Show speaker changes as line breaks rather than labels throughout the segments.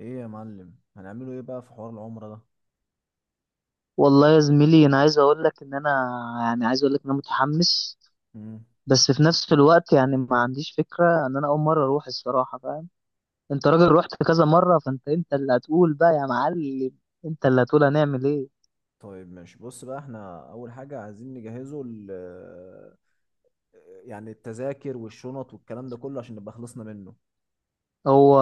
ايه يا معلم هنعمله ايه بقى في حوار العمرة ده.
والله يا زميلي، انا عايز اقول لك ان انا عايز اقول لك ان انا متحمس،
مم.
بس في نفس الوقت يعني ما عنديش فكرة ان انا اول مرة اروح. الصراحة فاهم، انت راجل رحت كذا مرة، فانت اللي هتقول بقى يا معلم. انت اللي هتقول هنعمل ايه.
طيب ماشي، بص بقى احنا اول حاجة عايزين نجهزه يعني التذاكر والشنط والكلام ده كله عشان نبقى خلصنا منه.
هو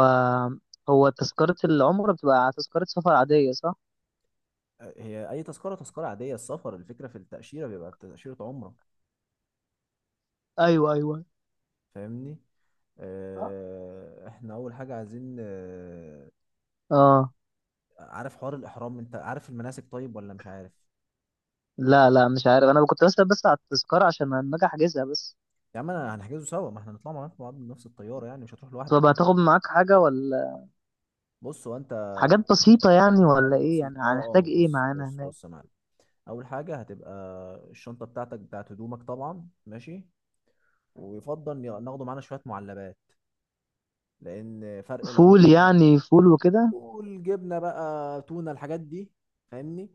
هو تذكرة العمرة بتبقى تذكرة سفر عادية صح؟
أه، هي اي تذكرة تذكرة عادية السفر، الفكرة في التأشيرة بيبقى تأشيرة عمرة،
ايوه ايوه.
فاهمني. اه، احنا اول حاجة عايزين
اه.
عارف حوار الاحرام؟ انت عارف المناسك طيب ولا مش عارف؟
لا لا، مش عارف، انا كنت بسأل بس على التذكرة عشان لما اجي احجزها بس.
يا عم انا هنحجزه سوا، ما احنا هنطلع مع بعض بنفس الطيارة، يعني مش هتروح لوحدك.
طب هتاخد معاك حاجة ولا؟
بص هو انت
حاجات بسيطة يعني
حاجات
ولا ايه؟
بسيطة
يعني
اه. اه
هنحتاج ايه
بص
معانا
بص
هناك؟
بص يا معلم، أول حاجة هتبقى الشنطة بتاعتك بتاعت هدومك طبعا، ماشي. ويفضل ناخده معانا شوية معلبات لأن فرق
فول
العملة،
يعني، فول وكده.
والجبنة بقى تونة الحاجات دي، فاهمني.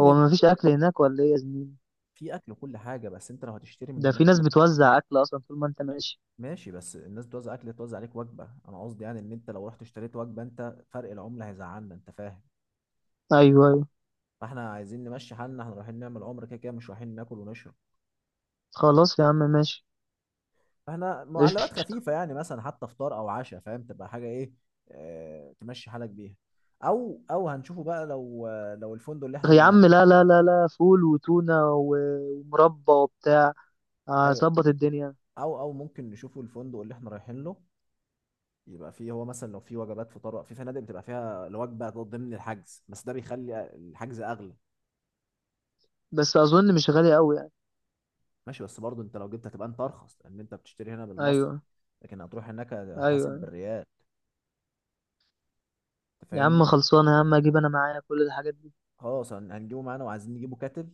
هو ما فيش اكل هناك ولا ايه يا زميلي؟
في أكل وكل حاجة، بس أنت لو هتشتري من
ده في
هناك.
ناس بتوزع اكل اصلا طول ما انت ماشي.
ماشي، بس الناس بتوزع أكل، توزع عليك وجبة، أنا قصدي يعني إن أنت لو رحت اشتريت وجبة أنت فرق العملة هيزعلنا، أنت فاهم.
ايوه ايوه.
فاحنا عايزين نمشي حالنا، احنا رايحين نعمل عمرة، كده كده مش رايحين ناكل ونشرب.
خلاص يا عم، ماشي.
احنا معلبات
قشطة.
خفيفه، يعني مثلا حتى فطار او عشاء، فاهم؟ تبقى حاجه ايه، اه تمشي حالك بيها. او او هنشوفه بقى، لو لو الفندق اللي
يا عم
احنا،
لا لا لا لا، فول وتونة ومربى وبتاع.
ايوه
هظبط الدنيا.
او او ممكن نشوفه الفندق اللي احنا رايحين له، يبقى فيه هو مثلا لو في وجبات فطار في فنادق بتبقى فيها الوجبه ضمن الحجز، بس ده بيخلي الحجز اغلى.
بس اظن مش غالي قوي يعني.
ماشي، بس برضه انت لو جبت هتبقى انت ارخص، لان انت بتشتري هنا بالمصري،
ايوه
لكن هتروح هناك هتحاسب
ايوه.
بالريال. أنت
يا عم
فاهمني.
خلصانه، يا عم اجيب انا معايا كل الحاجات دي.
خلاص هنجيبه معانا، وعايزين نجيبه كاتل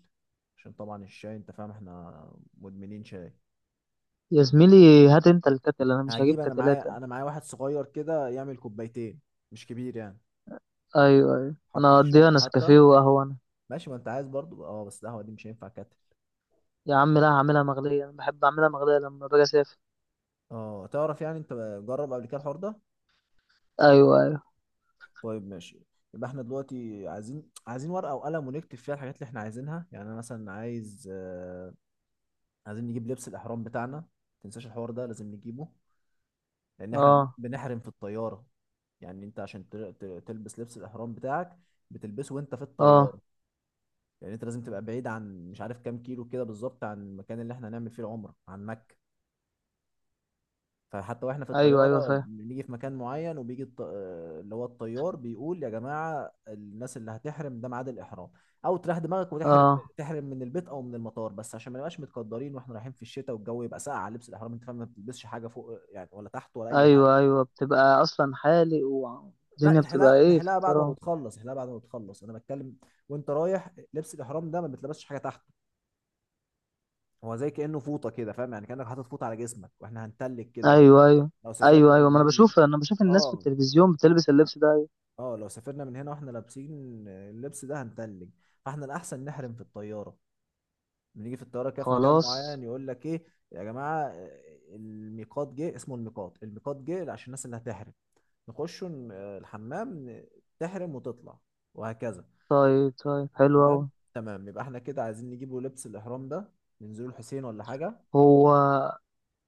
عشان طبعا الشاي، انت فاهم احنا مدمنين شاي.
يا زميلي هات انت الكتل، انا مش هجيب
هجيب انا
كتلات
معايا،
انا.
انا معايا واحد صغير كده يعمل كوبايتين، مش كبير يعني.
ايوه ايوه، انا
حط في
هقضيها
الشنطة حتى،
نسكافيه وقهوه انا.
ماشي ما انت عايز برضو، اه بس القهوة دي مش هينفع كاتل.
يا عم لا، هعملها مغليه، انا بحب اعملها مغليه لما باجي اسافر.
اه تعرف يعني انت، جرب قبل كده الحوار ده.
ايوه ايوه.
طيب ماشي، يبقى احنا دلوقتي عايزين ورقة وقلم ونكتب فيها الحاجات اللي احنا عايزينها، يعني انا مثلا عايز آه، عايزين نجيب لبس الاحرام بتاعنا، متنساش الحوار ده لازم نجيبه، لان احنا
اه.
بنحرم في الطياره، يعني انت عشان تلبس لبس الاحرام بتاعك بتلبسه وانت في
اه.
الطياره. يعني انت لازم تبقى بعيد عن مش عارف كام كيلو كده بالظبط عن المكان اللي احنا هنعمل فيه العمره، عن مكه. فحتى واحنا في
ايوه ايوه
الطياره
فاهم.
بنيجي في مكان معين وبيجي آه، اللي هو الطيار بيقول يا جماعه الناس اللي هتحرم ده ميعاد الاحرام. او تريح دماغك وتحرم،
اه.
تحرم من البيت او من المطار، بس عشان ما نبقاش متقدرين واحنا رايحين في الشتاء والجو يبقى ساقع على لبس الاحرام، انت فاهم، ما بتلبسش حاجه فوق يعني ولا تحت ولا اي
ايوه
حاجه.
ايوه، بتبقى اصلا حالق
لا
والدنيا بتبقى
الحلاقه
ايه في
الحلاقه بعد ما
التراب.
بتخلص، الحلاقه بعد ما بتخلص، انا بتكلم وانت رايح، لبس الاحرام ده ما بتلبسش حاجه تحته، هو زي كانه فوطه كده، فاهم يعني كانك حاطط فوطه على جسمك، واحنا هنتلج كده لو،
ايوه ايوه.
لو سافرنا
ايوه ايوه،
من
ما انا
هنا.
بشوف، انا بشوف الناس في
اه
التلفزيون بتلبس اللبس ده. أيوة.
اه لو سافرنا من هنا واحنا لابسين اللبس ده هنتلج، فاحنا الاحسن نحرم في الطياره، بنيجي في الطياره كده في مكان
خلاص.
معين يقول لك ايه، يا جماعه الميقات جه، اسمه الميقات، الميقات جه عشان الناس اللي هتحرم نخش الحمام، تحرم وتطلع، وهكذا.
طيب طيب، حلو
تمام،
اوي.
تمام يبقى احنا كده عايزين نجيبه لبس الاحرام ده، ننزله الحسين ولا حاجه.
هو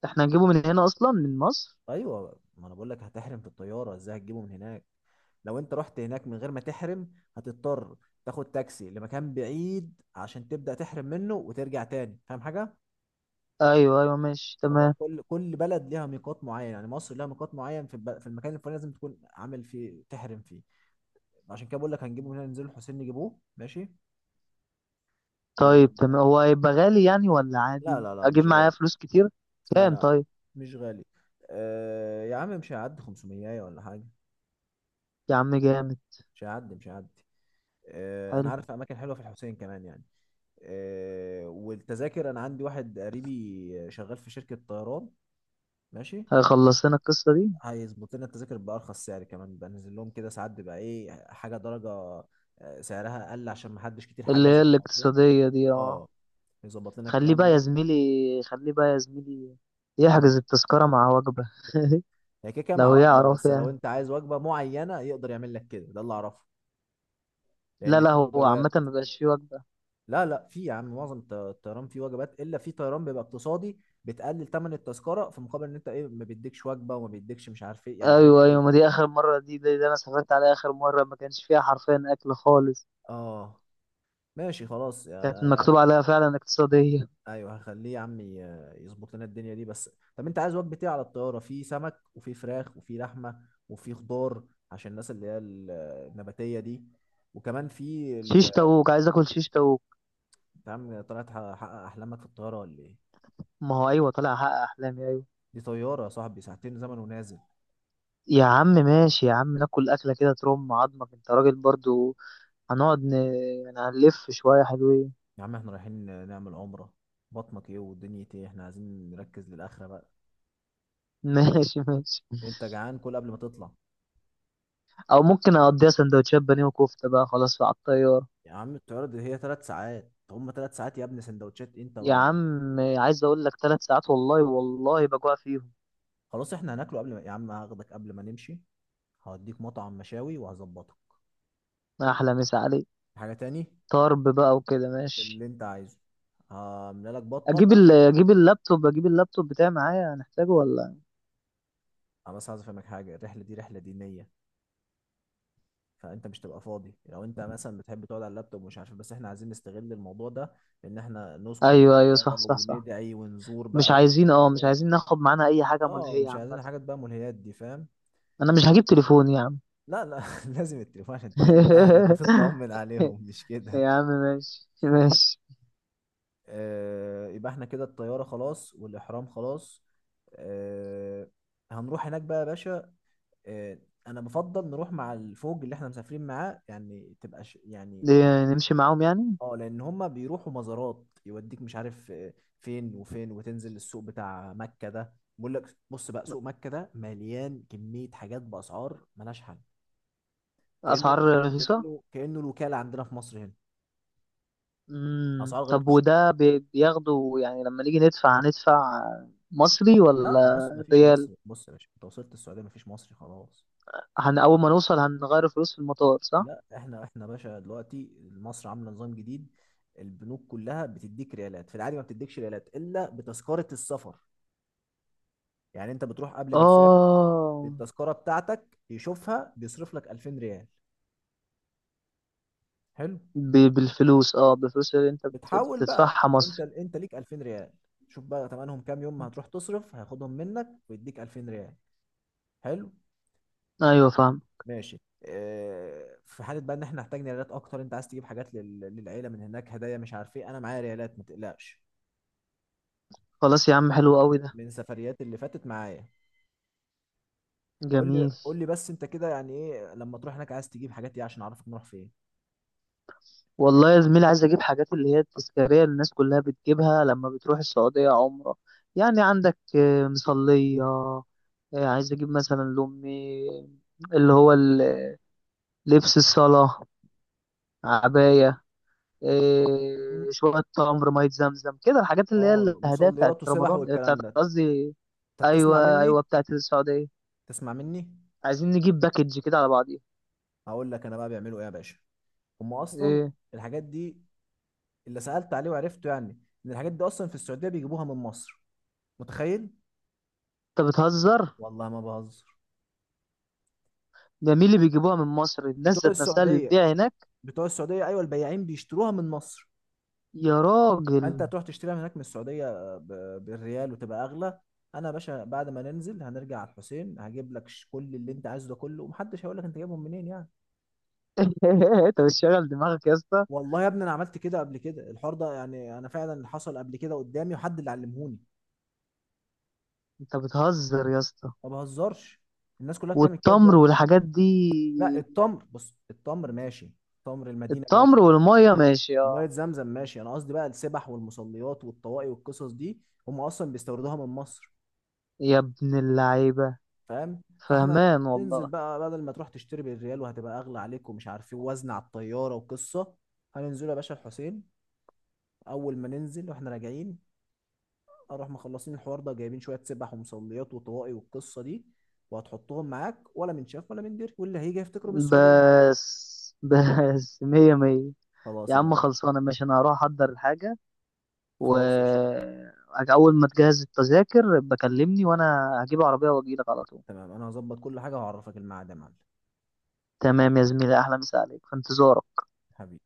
احنا هنجيبه من هنا اصلا من مصر؟
ايوه ما انا بقول لك هتحرم في الطياره، ازاي هتجيبه من هناك؟ لو انت رحت هناك من غير ما تحرم، هتضطر تاخد تاكسي لمكان بعيد عشان تبدا تحرم منه وترجع تاني، فاهم حاجه.
ايوه ايوه، ماشي
هو
تمام.
كل كل بلد ليها ميقات معين، يعني مصر ليها ميقات معين في في المكان الفلاني، لازم تكون عامل فيه، تحرم فيه. عشان كده بقول لك هنجيبه من هنا ننزله الحسين نجيبوه، ماشي. ون...
طيب تمام، هو هيبقى غالي يعني ولا
لا
عادي؟
لا لا
اجيب
مش
معايا
غالي.
فلوس كتير؟
لا
كام
لا،
طيب؟
مش غالي، آه يا عم مش هيعدي 500 ولا حاجة،
يا عم جامد.
مش هيعدي مش هيعدي. آه انا
حلو.
عارف اماكن حلوة في الحسين كمان يعني. آه والتذاكر، انا عندي واحد قريبي شغال في شركة طيران، ماشي،
هيخلص لنا القصة دي.
هيظبط لنا التذاكر بأرخص سعر، كمان بنزل لهم كده ساعات بيبقى ايه، حاجة درجة آه، سعرها اقل عشان محدش كتير
اللي
حجز
هي
ومش عارف ايه.
الاقتصادية دي؟ اه.
اه، يظبط لنا
خليه
الكلام
بقى يا
ده.
زميلي. خليه بقى يا زميلي
مم.
يحجز التذكرة مع وجبة.
هي كده كده
لو
مع وجبة،
يعرف
بس لو
يعني.
انت عايز وجبة معينة يقدر يعمل لك كده، ده اللي اعرفه،
لا
لان
لا،
في
هو
وجبات.
عامة مبقاش فيه وجبة.
لا لا في يا عم، معظم الطيران فيه وجبات، الا في طيران بيبقى اقتصادي بتقلل ثمن التذكره في مقابل ان انت ايه، ما بيديكش وجبه وما بيديكش مش عارف ايه، يعني حاجات
أيوه
كتير.
أيوه، ما دي آخر مرة، دي أنا سافرت عليها آخر مرة ما كانش فيها حرفيا أكل خالص.
اه، ماشي خلاص
كانت
يا عم.
مكتوب عليها فعلا اقتصادية.
ايوه، هخليه يا عم يظبط لنا الدنيا دي بس. طب انت عايز وجبه ايه على الطياره، في سمك وفي فراخ وفي لحمه وفي خضار، عشان الناس اللي هي النباتيه دي، وكمان في
شيش تاووك، عايز آكل شيش تاووك.
انت يا عم طلعت حقق احلامك في الطياره ولا ايه؟
ما هو أيوه، طالع أحقق أحلامي أيوه.
دي طياره يا صاحبي، ساعتين زمن ونازل.
يا عم ماشي، يا عم ناكل أكلة كده ترم عظمك، أنت راجل برضو. هنقعد ن... يعني هنلف شوية حلوين.
يا عم احنا رايحين نعمل عمرة، بطنك ايه ودنيتي ايه، احنا عايزين نركز للآخرة بقى.
ماشي ماشي.
انت جعان كل قبل ما تطلع.
او ممكن اقضيها سندوتشات بانيه وكفته بقى خلاص على الطياره.
يا عم الطيارة دي هي ثلاث ساعات، طب هما ثلاث ساعات يا ابني سندوتشات انت
يا
بقى.
عم عايز اقول لك، ثلاث ساعات والله والله بجوع فيهم.
خلاص احنا هناكله قبل ما، يا عم هاخدك قبل ما نمشي هوديك مطعم مشاوي وهظبطك.
احلى مسا عليك.
حاجة تاني
طرب بقى وكده ماشي.
اللي انت عايزه هعمل لك بطنك
اجيب ال...
عشان،
اجيب اللابتوب اجيب اللابتوب بتاعي معايا، هنحتاجه ولا؟
انا بس عايز افهمك حاجة، الرحلة دي رحلة دينية، فانت مش تبقى فاضي لو انت مثلا بتحب تقعد على اللابتوب ومش عارف إيه، بس احنا عايزين نستغل الموضوع ده ان احنا نسكن
ايوه ايوه،
بقى
صح صح صح.
وندعي ونزور
مش
بقى
عايزين، اه مش
ونزورات.
عايزين ناخد معانا اي حاجه
اه
ملهيه
مش
عامه.
عايزين حاجات بقى ملهيات دي، فاهم.
انا مش هجيب تليفون يا عم.
لا لا لازم التليفون عشان تكلم اهلك وتطمن عليهم، مش كده.
يا عم ماشي ماشي.
آه يبقى احنا كده الطيارة خلاص والإحرام خلاص، آه هنروح هناك بقى يا باشا. آه، انا بفضل نروح مع الفوج اللي احنا مسافرين معاه، يعني تبقى يعني،
دي نمشي معاهم يعني؟
اه لان هم بيروحوا مزارات يوديك مش عارف آه، فين وفين، وتنزل السوق بتاع مكة ده، بيقول لك بص بقى سوق مكة ده مليان كمية حاجات بأسعار ملهاش حل، كأنه
اسعار رخيصه.
كأنه الوكالة عندنا في مصر هنا.
امم،
أسعار غريبة
طب وده بياخده يعني، لما نيجي ندفع هندفع مصري ولا
لا مصر مفيش
ريال؟
مصر، بص يا باشا انت وصلت السعودية مفيش مصري خلاص.
هن اول ما نوصل هنغير فلوس في المطار صح؟
لا احنا باشا دلوقتي مصر عاملة نظام جديد، البنوك كلها بتديك ريالات في العادي، ما بتديكش ريالات الا بتذكرة السفر. يعني انت بتروح قبل ما تسافر
اه،
التذكره بتاعتك يشوفها بيصرف لك 2000 ريال. حلو،
بالفلوس، اه بالفلوس اللي انت
بتحول بقى،
بتدفعها
انت
مصري.
انت ليك 2000 ريال، شوف بقى تمنهم كام يوم ما هتروح تصرف هياخدهم منك ويديك 2000 ريال. حلو
ايوه فاهم.
ماشي. اه في حاله بقى ان احنا محتاجين ريالات اكتر، انت عايز تجيب حاجات للعيله من هناك هدايا مش عارف ايه، انا معايا ريالات ما تقلقش،
خلاص يا عم، حلو قوي ده.
من سفريات اللي فاتت معايا. قول لي
جميل.
قول لي بس انت كده يعني ايه لما تروح هناك عايز تجيب حاجات ايه عشان اعرفك نروح فين.
والله يا زميلي، عايز اجيب حاجات اللي هي التذكاريه اللي الناس كلها بتجيبها لما بتروح السعوديه عمره. يعني عندك مصليه، عايز اجيب مثلا لامي، اللي هو ال- لبس الصلاه، عباية، إيه،
م-
شوية تمر، مية زمزم، كده الحاجات اللي هي
اه
الهدايا بتاعت
مصليات وسبح
رمضان، بتاعت
والكلام ده،
قصدي.
انت بتسمع
أيوة
مني،
أيوة، بتاعت السعودية.
تسمع مني،
عايزين نجيب باكج كده على بعضيها.
هقول لك انا بقى بيعملوا ايه يا باشا، هم اصلا
إيه؟
الحاجات دي اللي سالت عليه وعرفته يعني، ان الحاجات دي اصلا في السعوديه بيجيبوها من مصر، متخيل.
أنت بتهزر؟
والله ما بهزر.
ده مين اللي بيجيبوها من مصر، الناس
بتوع
ذات نفسها اللي
السعوديه،
بتبيع هناك؟
بتوع السعوديه ايوه، البياعين بيشتروها من مصر.
يا
انت
راجل.
هتروح تشتريها من هناك من السعوديه بالريال وتبقى اغلى. انا يا باشا بعد ما ننزل هنرجع على الحسين هجيب لك كل اللي انت عايزه ده كله، ومحدش هيقول لك انت جايبهم منين يعني.
أنت بتشغل دماغك يا اسطى.
والله يا ابني انا عملت كده قبل كده الحوار ده، يعني انا فعلا حصل قبل كده قدامي وحد اللي علمهوني.
أنت بتهزر يا اسطى.
ما بهزرش، الناس كلها بتعمل كده
والتمر
دلوقتي.
والحاجات دي؟
لا التمر بص التمر ماشي، تمر المدينة
التمر
ماشي،
والمية ماشي
ومية
اه.
زمزم ماشي، انا قصدي بقى السبح والمصليات والطواقي والقصص دي، هم اصلا بيستوردوها من مصر،
يا ابن اللعيبة.
فاهم. فاحنا
فهمان
تنزل
والله.
بقى بدل ما تروح تشتري بالريال وهتبقى اغلى عليك ومش عارف ايه وزن على الطيارة وقصة، هننزله يا باشا الحسين اول ما ننزل واحنا راجعين، اروح مخلصين الحوار ده جايبين شوية سبح ومصليات وطواقي والقصة دي، وهتحطهم معاك ولا من شاف ولا من دري، واللي هيجي يفتكره من السعودية.
بس بس، مية مية. يا
خلاص يا
عم
معلم،
خلصانة، ماشي أنا هروح أحضر الحاجة. و
خلاص قشطة.
أول ما تجهز التذاكر بكلمني، وأنا هجيب عربية وأجيلك على طول.
تمام انا هظبط كل حاجة وهعرفك الميعاد يا معلم.
تمام يا زميلي، أحلى مسا عليك، في انتظارك.
حبيبي.